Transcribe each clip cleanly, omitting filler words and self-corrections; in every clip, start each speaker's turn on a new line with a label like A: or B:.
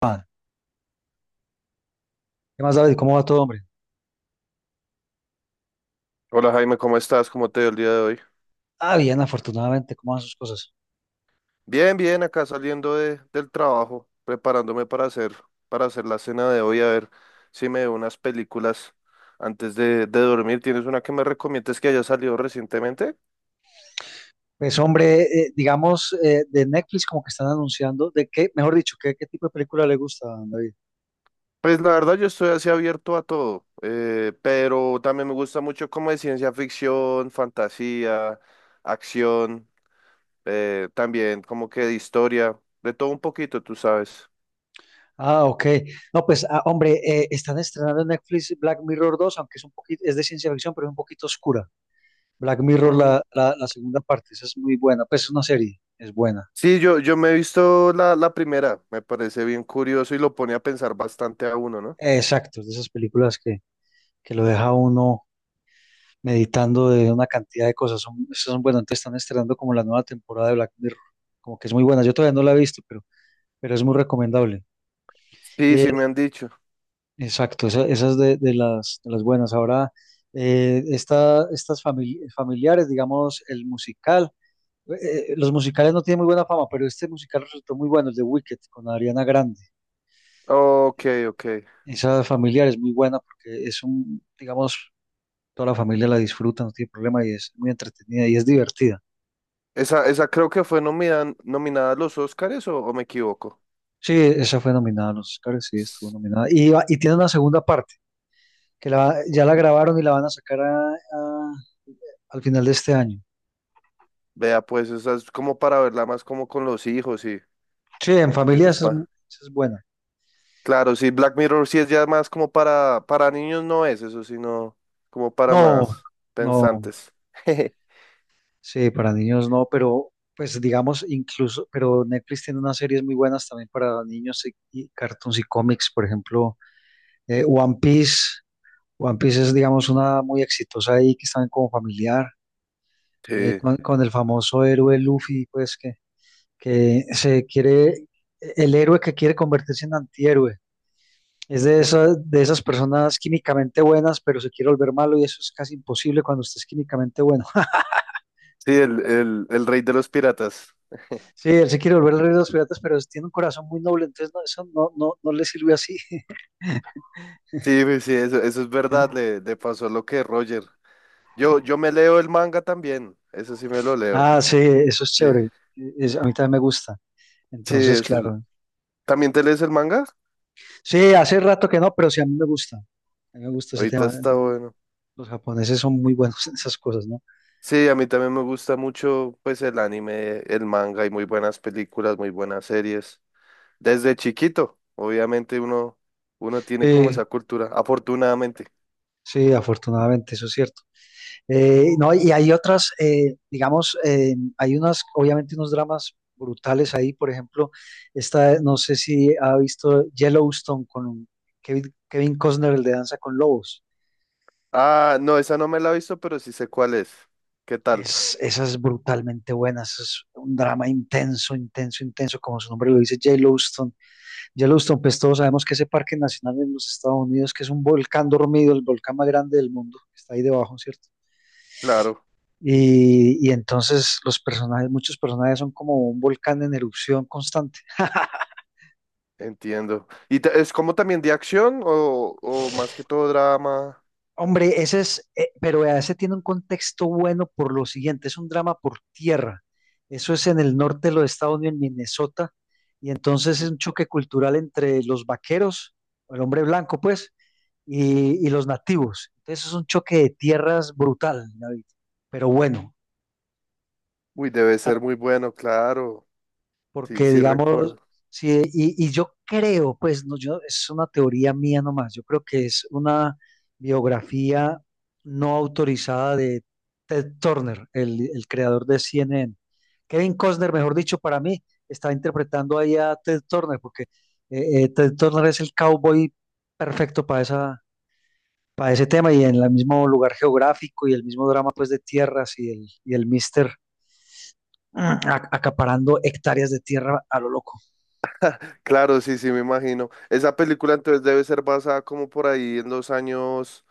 A: Ah, ¿qué más, David? ¿Cómo va todo, hombre?
B: Hola Jaime, ¿cómo estás? ¿Cómo te veo el día de hoy?
A: Ah, bien, afortunadamente, ¿cómo van sus cosas?
B: Bien, bien, acá saliendo del trabajo, preparándome para hacer la cena de hoy, a ver si me veo unas películas antes de dormir. ¿Tienes una que me recomiendes que haya salido recientemente?
A: Pues, hombre, digamos, de Netflix como que están anunciando, de qué, mejor dicho, ¿qué tipo de película le gusta, David?
B: Pues la verdad yo estoy así abierto a todo, pero también me gusta mucho como de ciencia ficción, fantasía, acción, también como que de historia, de todo un poquito, tú sabes.
A: Ah, ok. No, pues, ah, hombre, están estrenando en Netflix Black Mirror 2, aunque es un poquito, es de ciencia ficción, pero es un poquito oscura. Black Mirror,
B: Mm,
A: la segunda parte, esa es muy buena, pues es una serie, es buena.
B: sí, yo me he visto la primera, me parece bien curioso y lo pone a pensar bastante a uno, ¿no?
A: Exacto, es de esas películas que lo deja uno meditando de una cantidad de cosas. Son, esas son, bueno, entonces están estrenando como la nueva temporada de Black Mirror, como que es muy buena. Yo todavía no la he visto, pero es muy recomendable.
B: Sí,
A: Eh,
B: sí me han dicho.
A: exacto, esas de las buenas. Ahora, familiares, digamos, el musical. Los musicales no tienen muy buena fama, pero este musical resultó muy bueno, el de Wicked, con Ariana Grande.
B: Ok, ok.
A: Esa familiar es muy buena porque es un, digamos, toda la familia la disfruta, no tiene problema y es muy entretenida y es divertida.
B: Esa creo que fue nominada a los Oscars o me equivoco.
A: Sí, esa fue nominada a los Oscars, sí, estuvo
B: S-
A: nominada. Y tiene una segunda parte, que la, ya la grabaron y la van a sacar al final de este año.
B: Vea, pues esa es como para verla más como con los hijos
A: Sí, en
B: y
A: familia
B: los pa.
A: esa es buena.
B: Claro, sí, Black Mirror sí es ya más como para niños no es eso, sino como para
A: No,
B: más
A: no,
B: pensantes.
A: sí, para niños no, pero pues digamos incluso, pero Netflix tiene unas series muy buenas también para niños y cartoons y cómics, por ejemplo, One Piece. One Piece es, digamos, una muy exitosa ahí que están como familiar,
B: Sí,
A: con el famoso héroe Luffy, pues que se quiere, el héroe que quiere convertirse en antihéroe. Es de esas personas químicamente buenas, pero se quiere volver malo y eso es casi imposible cuando usted es químicamente bueno.
B: sí, el rey de los piratas.
A: Sí, él se quiere volver el rey de los piratas, pero tiene un corazón muy noble, entonces no, eso no, no, no le sirve así.
B: Sí, pues sí, eso es verdad, le pasó lo que Roger. Yo me leo el manga también, eso sí me lo leo.
A: Ah, sí, eso es
B: Sí,
A: chévere. Es, a mí también me gusta.
B: sí,
A: Entonces,
B: eso es-
A: claro.
B: ¿También te lees el manga?
A: Sí, hace rato que no, pero sí a mí me gusta. A mí me gusta ese
B: Ahorita
A: tema.
B: está bueno.
A: Los japoneses son muy buenos en esas cosas, ¿no?
B: Sí, a mí también me gusta mucho pues el anime, el manga, hay muy buenas películas, muy buenas series. Desde chiquito, obviamente uno, uno tiene como
A: Sí,
B: esa cultura, afortunadamente.
A: sí, afortunadamente, eso es cierto. No, y hay otras, digamos, hay unas, obviamente unos dramas brutales ahí, por ejemplo, esta, no sé si ha visto Yellowstone con Kevin, Kevin Costner, el de Danza con Lobos.
B: Ah, no, esa no me la he visto, pero sí sé cuál es. ¿Qué tal?
A: Es, esa es brutalmente buena, esa es un drama intenso, intenso, intenso, como su nombre lo dice, Yellowstone. Yellowstone, pues todos sabemos que ese parque nacional en los Estados Unidos, que es un volcán dormido, el volcán más grande del mundo, que está ahí debajo, ¿cierto?
B: Claro.
A: Y entonces los personajes, muchos personajes son como un volcán en erupción constante.
B: Entiendo. ¿Y ta- es como también de acción o más que todo drama?
A: Hombre, ese es, pero vea, ese tiene un contexto bueno por lo siguiente, es un drama por tierra. Eso es en el norte de los Estados Unidos, en Minnesota, y entonces es
B: Ujú.
A: un choque cultural entre los vaqueros, el hombre blanco, pues, y los nativos. Entonces es un choque de tierras brutal, David, pero bueno.
B: Uy, debe ser muy bueno, claro. Sí,
A: Porque,
B: sí
A: digamos,
B: recuerdo.
A: sí, y yo creo, pues, no, yo, es una teoría mía nomás, yo creo que es una biografía no autorizada de Ted Turner, el creador de CNN. Kevin Costner, mejor dicho, para mí, está interpretando ahí a Ted Turner, porque Ted Turner es el cowboy perfecto para esa, para ese tema y en el mismo lugar geográfico y el mismo drama, pues, de tierras y el mister mm, acaparando hectáreas de tierra a lo loco.
B: Claro, sí, sí, me imagino. Esa película entonces debe ser basada como por ahí en los años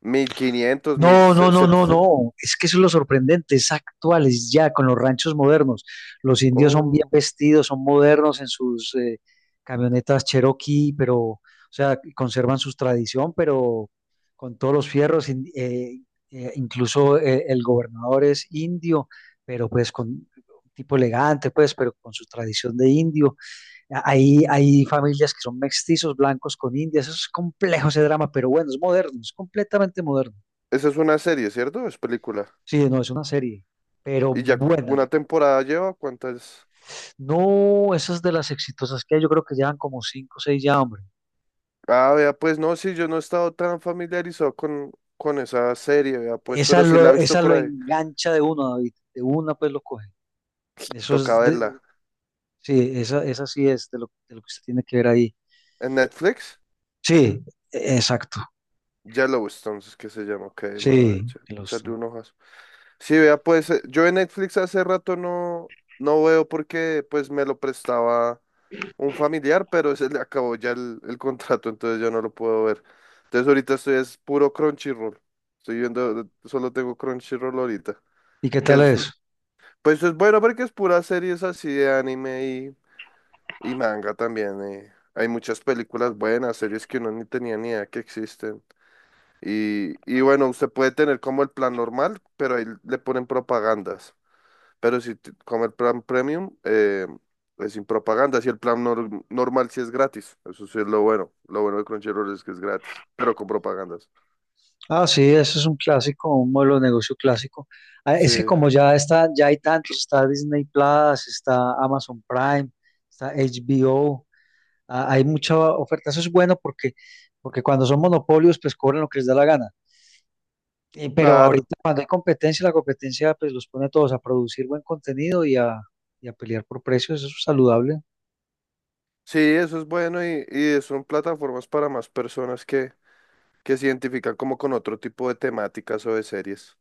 B: 1500 mil
A: No, no, no, no,
B: setecientos
A: no. Es que eso es lo sorprendente. Es actuales ya con los ranchos modernos. Los indios son bien
B: Oh,
A: vestidos, son modernos en sus camionetas Cherokee, pero, o sea, conservan su tradición, pero con todos los fierros. Incluso el gobernador es indio, pero pues con un tipo elegante, pues, pero con su tradición de indio. Hay, hay familias que son mestizos blancos con indias. Eso es complejo ese drama, pero bueno, es moderno, es completamente moderno.
B: esa es una serie, ¿cierto? Es película.
A: Sí, no, es una serie, pero
B: ¿Y ya cu-
A: buena, le
B: una
A: cuento.
B: temporada lleva? ¿Cuántas?
A: No, esas de las exitosas que hay, yo creo que llevan como cinco o seis ya, hombre.
B: Ah, vea, pues no, sí, yo no he estado tan familiarizado con esa serie, vea, pues, pero sí la he visto
A: Esa
B: por
A: lo
B: ahí.
A: engancha de una, David, de una pues lo coge. Eso
B: Toca
A: es de,
B: verla.
A: sí, esa sí es de lo que usted tiene que ver ahí.
B: ¿En Netflix?
A: Sí, exacto,
B: Yellowstone, es que se llama. Ok, voy a
A: sí,
B: echarle
A: Yellowstone.
B: un ojazo. Sí, vea, pues yo en Netflix hace rato no, no veo porque pues me lo prestaba un familiar, pero se le acabó ya el contrato, entonces yo no lo puedo ver. Entonces ahorita estoy es puro Crunchyroll. Estoy viendo, solo tengo Crunchyroll ahorita.
A: ¿Y qué
B: Que
A: tal
B: es,
A: es?
B: pues es bueno porque es puras series así de anime y manga también. Hay muchas películas buenas, series que uno ni tenía ni idea que existen. Y bueno, usted puede tener como el plan normal, pero ahí le ponen propagandas. Pero si t- como el plan premium, es sin propagandas. Y el plan normal sí es gratis. Eso sí es lo bueno. Lo bueno de Crunchyroll es que es gratis, pero con propagandas.
A: Ah, sí, eso es un clásico, un modelo de negocio clásico. Ah,
B: Sí,
A: es que como ya está, ya hay tantos, está Disney Plus, está Amazon Prime, está HBO. Ah, hay mucha oferta. Eso es bueno porque, porque cuando son monopolios, pues cobran lo que les da la gana. Y- pero
B: claro.
A: ahorita cuando hay competencia, la competencia pues los pone a todos a producir buen contenido y a pelear por precios. Eso es saludable.
B: Sí, eso es bueno y son plataformas para más personas que se identifican como con otro tipo de temáticas o de series.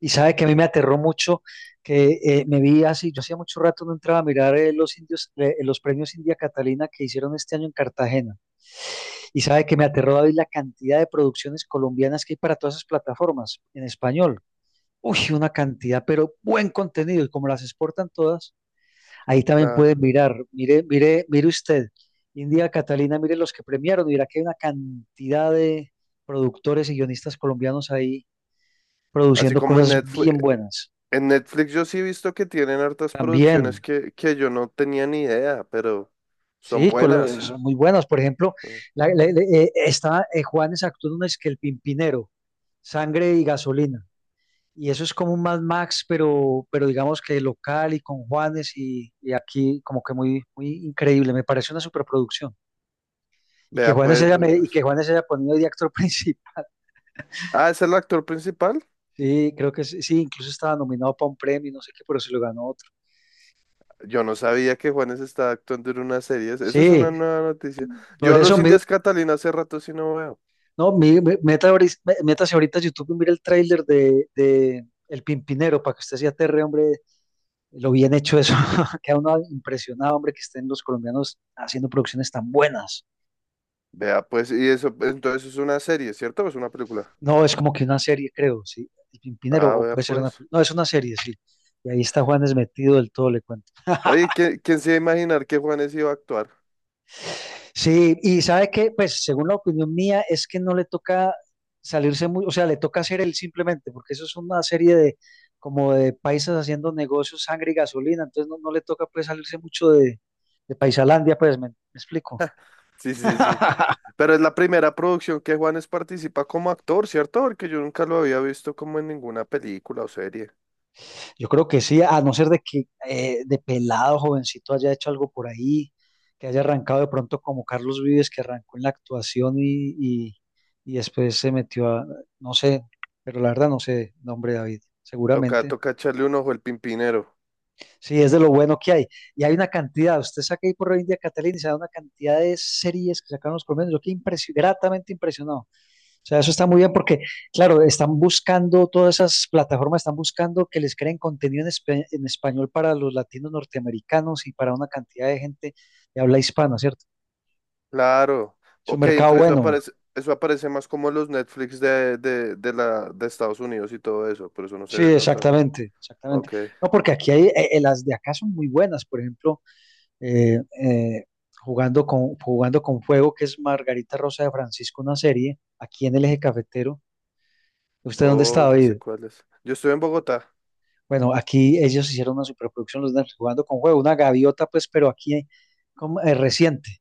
A: Y
B: Sí,
A: sabe que a mí me aterró mucho que me vi así, yo hacía mucho rato no entraba a mirar los indios, los premios India Catalina que hicieron este año en Cartagena. Y sabe que me aterró, David, la cantidad de producciones colombianas que hay para todas esas plataformas en español. Uy, una cantidad, pero buen contenido. Y como las exportan todas, ahí también
B: claro.
A: pueden mirar. Mire, mire, mire usted, India Catalina, mire los que premiaron. Mira que hay una cantidad de productores y guionistas colombianos ahí
B: Así
A: produciendo
B: como en
A: cosas
B: Netflix,
A: bien buenas.
B: en Netflix yo sí he visto que tienen hartas
A: También,
B: producciones que yo no tenía ni idea, pero son
A: sí,
B: buenas.
A: son muy buenas. Por ejemplo,
B: ¿No?
A: está Juanes actuó en una es que El Pimpinero, Sangre y Gasolina. Y eso es como un Mad Max, pero digamos que local y con Juanes y aquí como que muy, muy increíble. Me parece una superproducción.
B: Vea pues, vea
A: Y que
B: pues.
A: Juanes haya ponido de actor principal.
B: Ah, ¿es el actor principal?
A: Sí, creo que sí, sí, incluso estaba nominado para un premio, no sé qué, pero se lo ganó otro.
B: Yo no sabía que Juanes estaba actuando en una serie. Esa es
A: Sí,
B: una nueva noticia. Yo
A: por
B: a
A: eso,
B: los Indias Catalina hace rato sí no veo.
A: no, métase ahorita a YouTube y mira el tráiler de El Pimpinero para que usted se aterre, hombre, lo bien hecho eso. Queda uno impresionado, hombre, que estén los colombianos haciendo producciones tan buenas.
B: Vea pues, y eso, entonces es una serie, ¿cierto? ¿O es una película?
A: No, es como que una serie, creo, sí. El Pimpinero,
B: Ah,
A: o
B: vea
A: puede ser una.
B: pues.
A: No, es una serie, sí. Y ahí está Juanes metido del todo, le cuento.
B: Oye, ¿quién, quién se iba a imaginar que Juanes iba a actuar?
A: Sí, y sabe que, pues, según la opinión mía, es que no le toca salirse muy, o sea, le toca hacer él simplemente, porque eso es una serie de como de paisas haciendo negocios, sangre y gasolina, entonces no, no le toca pues salirse mucho de Paisalandia, pues, me explico?
B: Sí, sí, sí. Pero es la primera producción que Juanes participa como actor, ¿cierto? Porque yo nunca lo había visto como en ninguna película o serie.
A: Yo creo que sí, a no ser de que de pelado, jovencito, haya hecho algo por ahí, que haya arrancado de pronto como Carlos Vives, que arrancó en la actuación y después se metió a, no sé, pero la verdad no sé, nombre David,
B: Toca,
A: seguramente.
B: toca echarle un ojo el Pimpinero.
A: Sí, es de lo bueno que hay. Y hay una cantidad, usted saca ahí por India Catalina y se da una cantidad de series que sacaron los colombianos, yo quedé gratamente impresionado. O sea, eso está muy bien porque, claro, están buscando, todas esas plataformas están buscando que les creen contenido en, en español para los latinos norteamericanos y para una cantidad de gente de habla hispana, ¿cierto?
B: Claro.
A: Es un
B: Ok,
A: mercado
B: entonces
A: bueno.
B: eso aparece más como los Netflix de Estados Unidos y todo eso, pero eso no se
A: Sí,
B: ve tanto acá.
A: exactamente, exactamente.
B: Ok.
A: No, porque aquí hay, las de acá son muy buenas, por ejemplo, eh, eh, jugando con fuego, que es Margarita Rosa de Francisco, una serie, aquí en el Eje Cafetero. ¿Usted dónde está,
B: Oh, ya sé
A: David?
B: cuál es. Yo estoy en Bogotá.
A: Bueno, aquí ellos hicieron una superproducción, los Nerds, jugando con juego, una gaviota, pues, pero aquí como, reciente.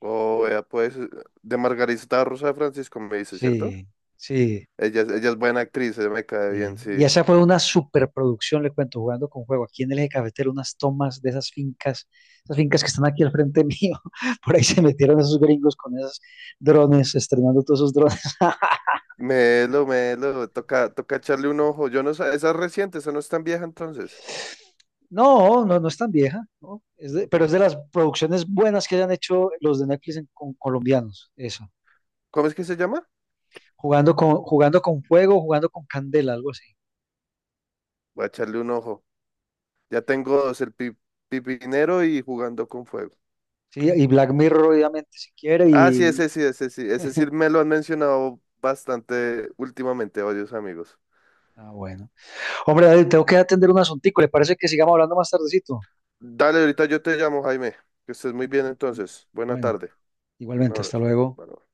B: Oh, vea, pues, de Margarita Rosa de Francisco me dice, ¿cierto?
A: Sí, sí,
B: Ella es buena actriz, ella me cae bien,
A: sí. Y
B: sí.
A: esa fue una superproducción, le cuento, jugando con juego. Aquí en el eje cafetero, unas tomas de esas fincas que están aquí al frente mío. Por ahí se metieron esos gringos con esos drones, estrenando todos esos drones.
B: Melo, melo, toca, toca echarle un ojo. Yo no sé, esa es reciente, esa no es tan vieja entonces.
A: No, no, no es tan vieja, ¿no? Es de-
B: Ok.
A: pero es de las producciones buenas que hayan hecho los de Netflix en- con colombianos, eso.
B: ¿Cómo es que se llama?
A: Jugando con fuego, jugando con candela, algo así.
B: Voy a echarle un ojo. Ya tengo dos, el pi- pipinero y jugando con fuego.
A: Sí, y Black Mirror, obviamente, si quiere.
B: Ah,
A: Y.
B: sí, ese sí, ese sí. Ese sí me lo han mencionado bastante últimamente varios amigos.
A: Ah, bueno. Hombre, David, tengo que atender un asuntico. ¿Le parece que sigamos hablando más tardecito?
B: Dale, ahorita yo te llamo, Jaime. Que estés muy bien entonces. Buena
A: Bueno,
B: tarde. Un
A: igualmente, hasta
B: abrazo.
A: luego.
B: Bueno.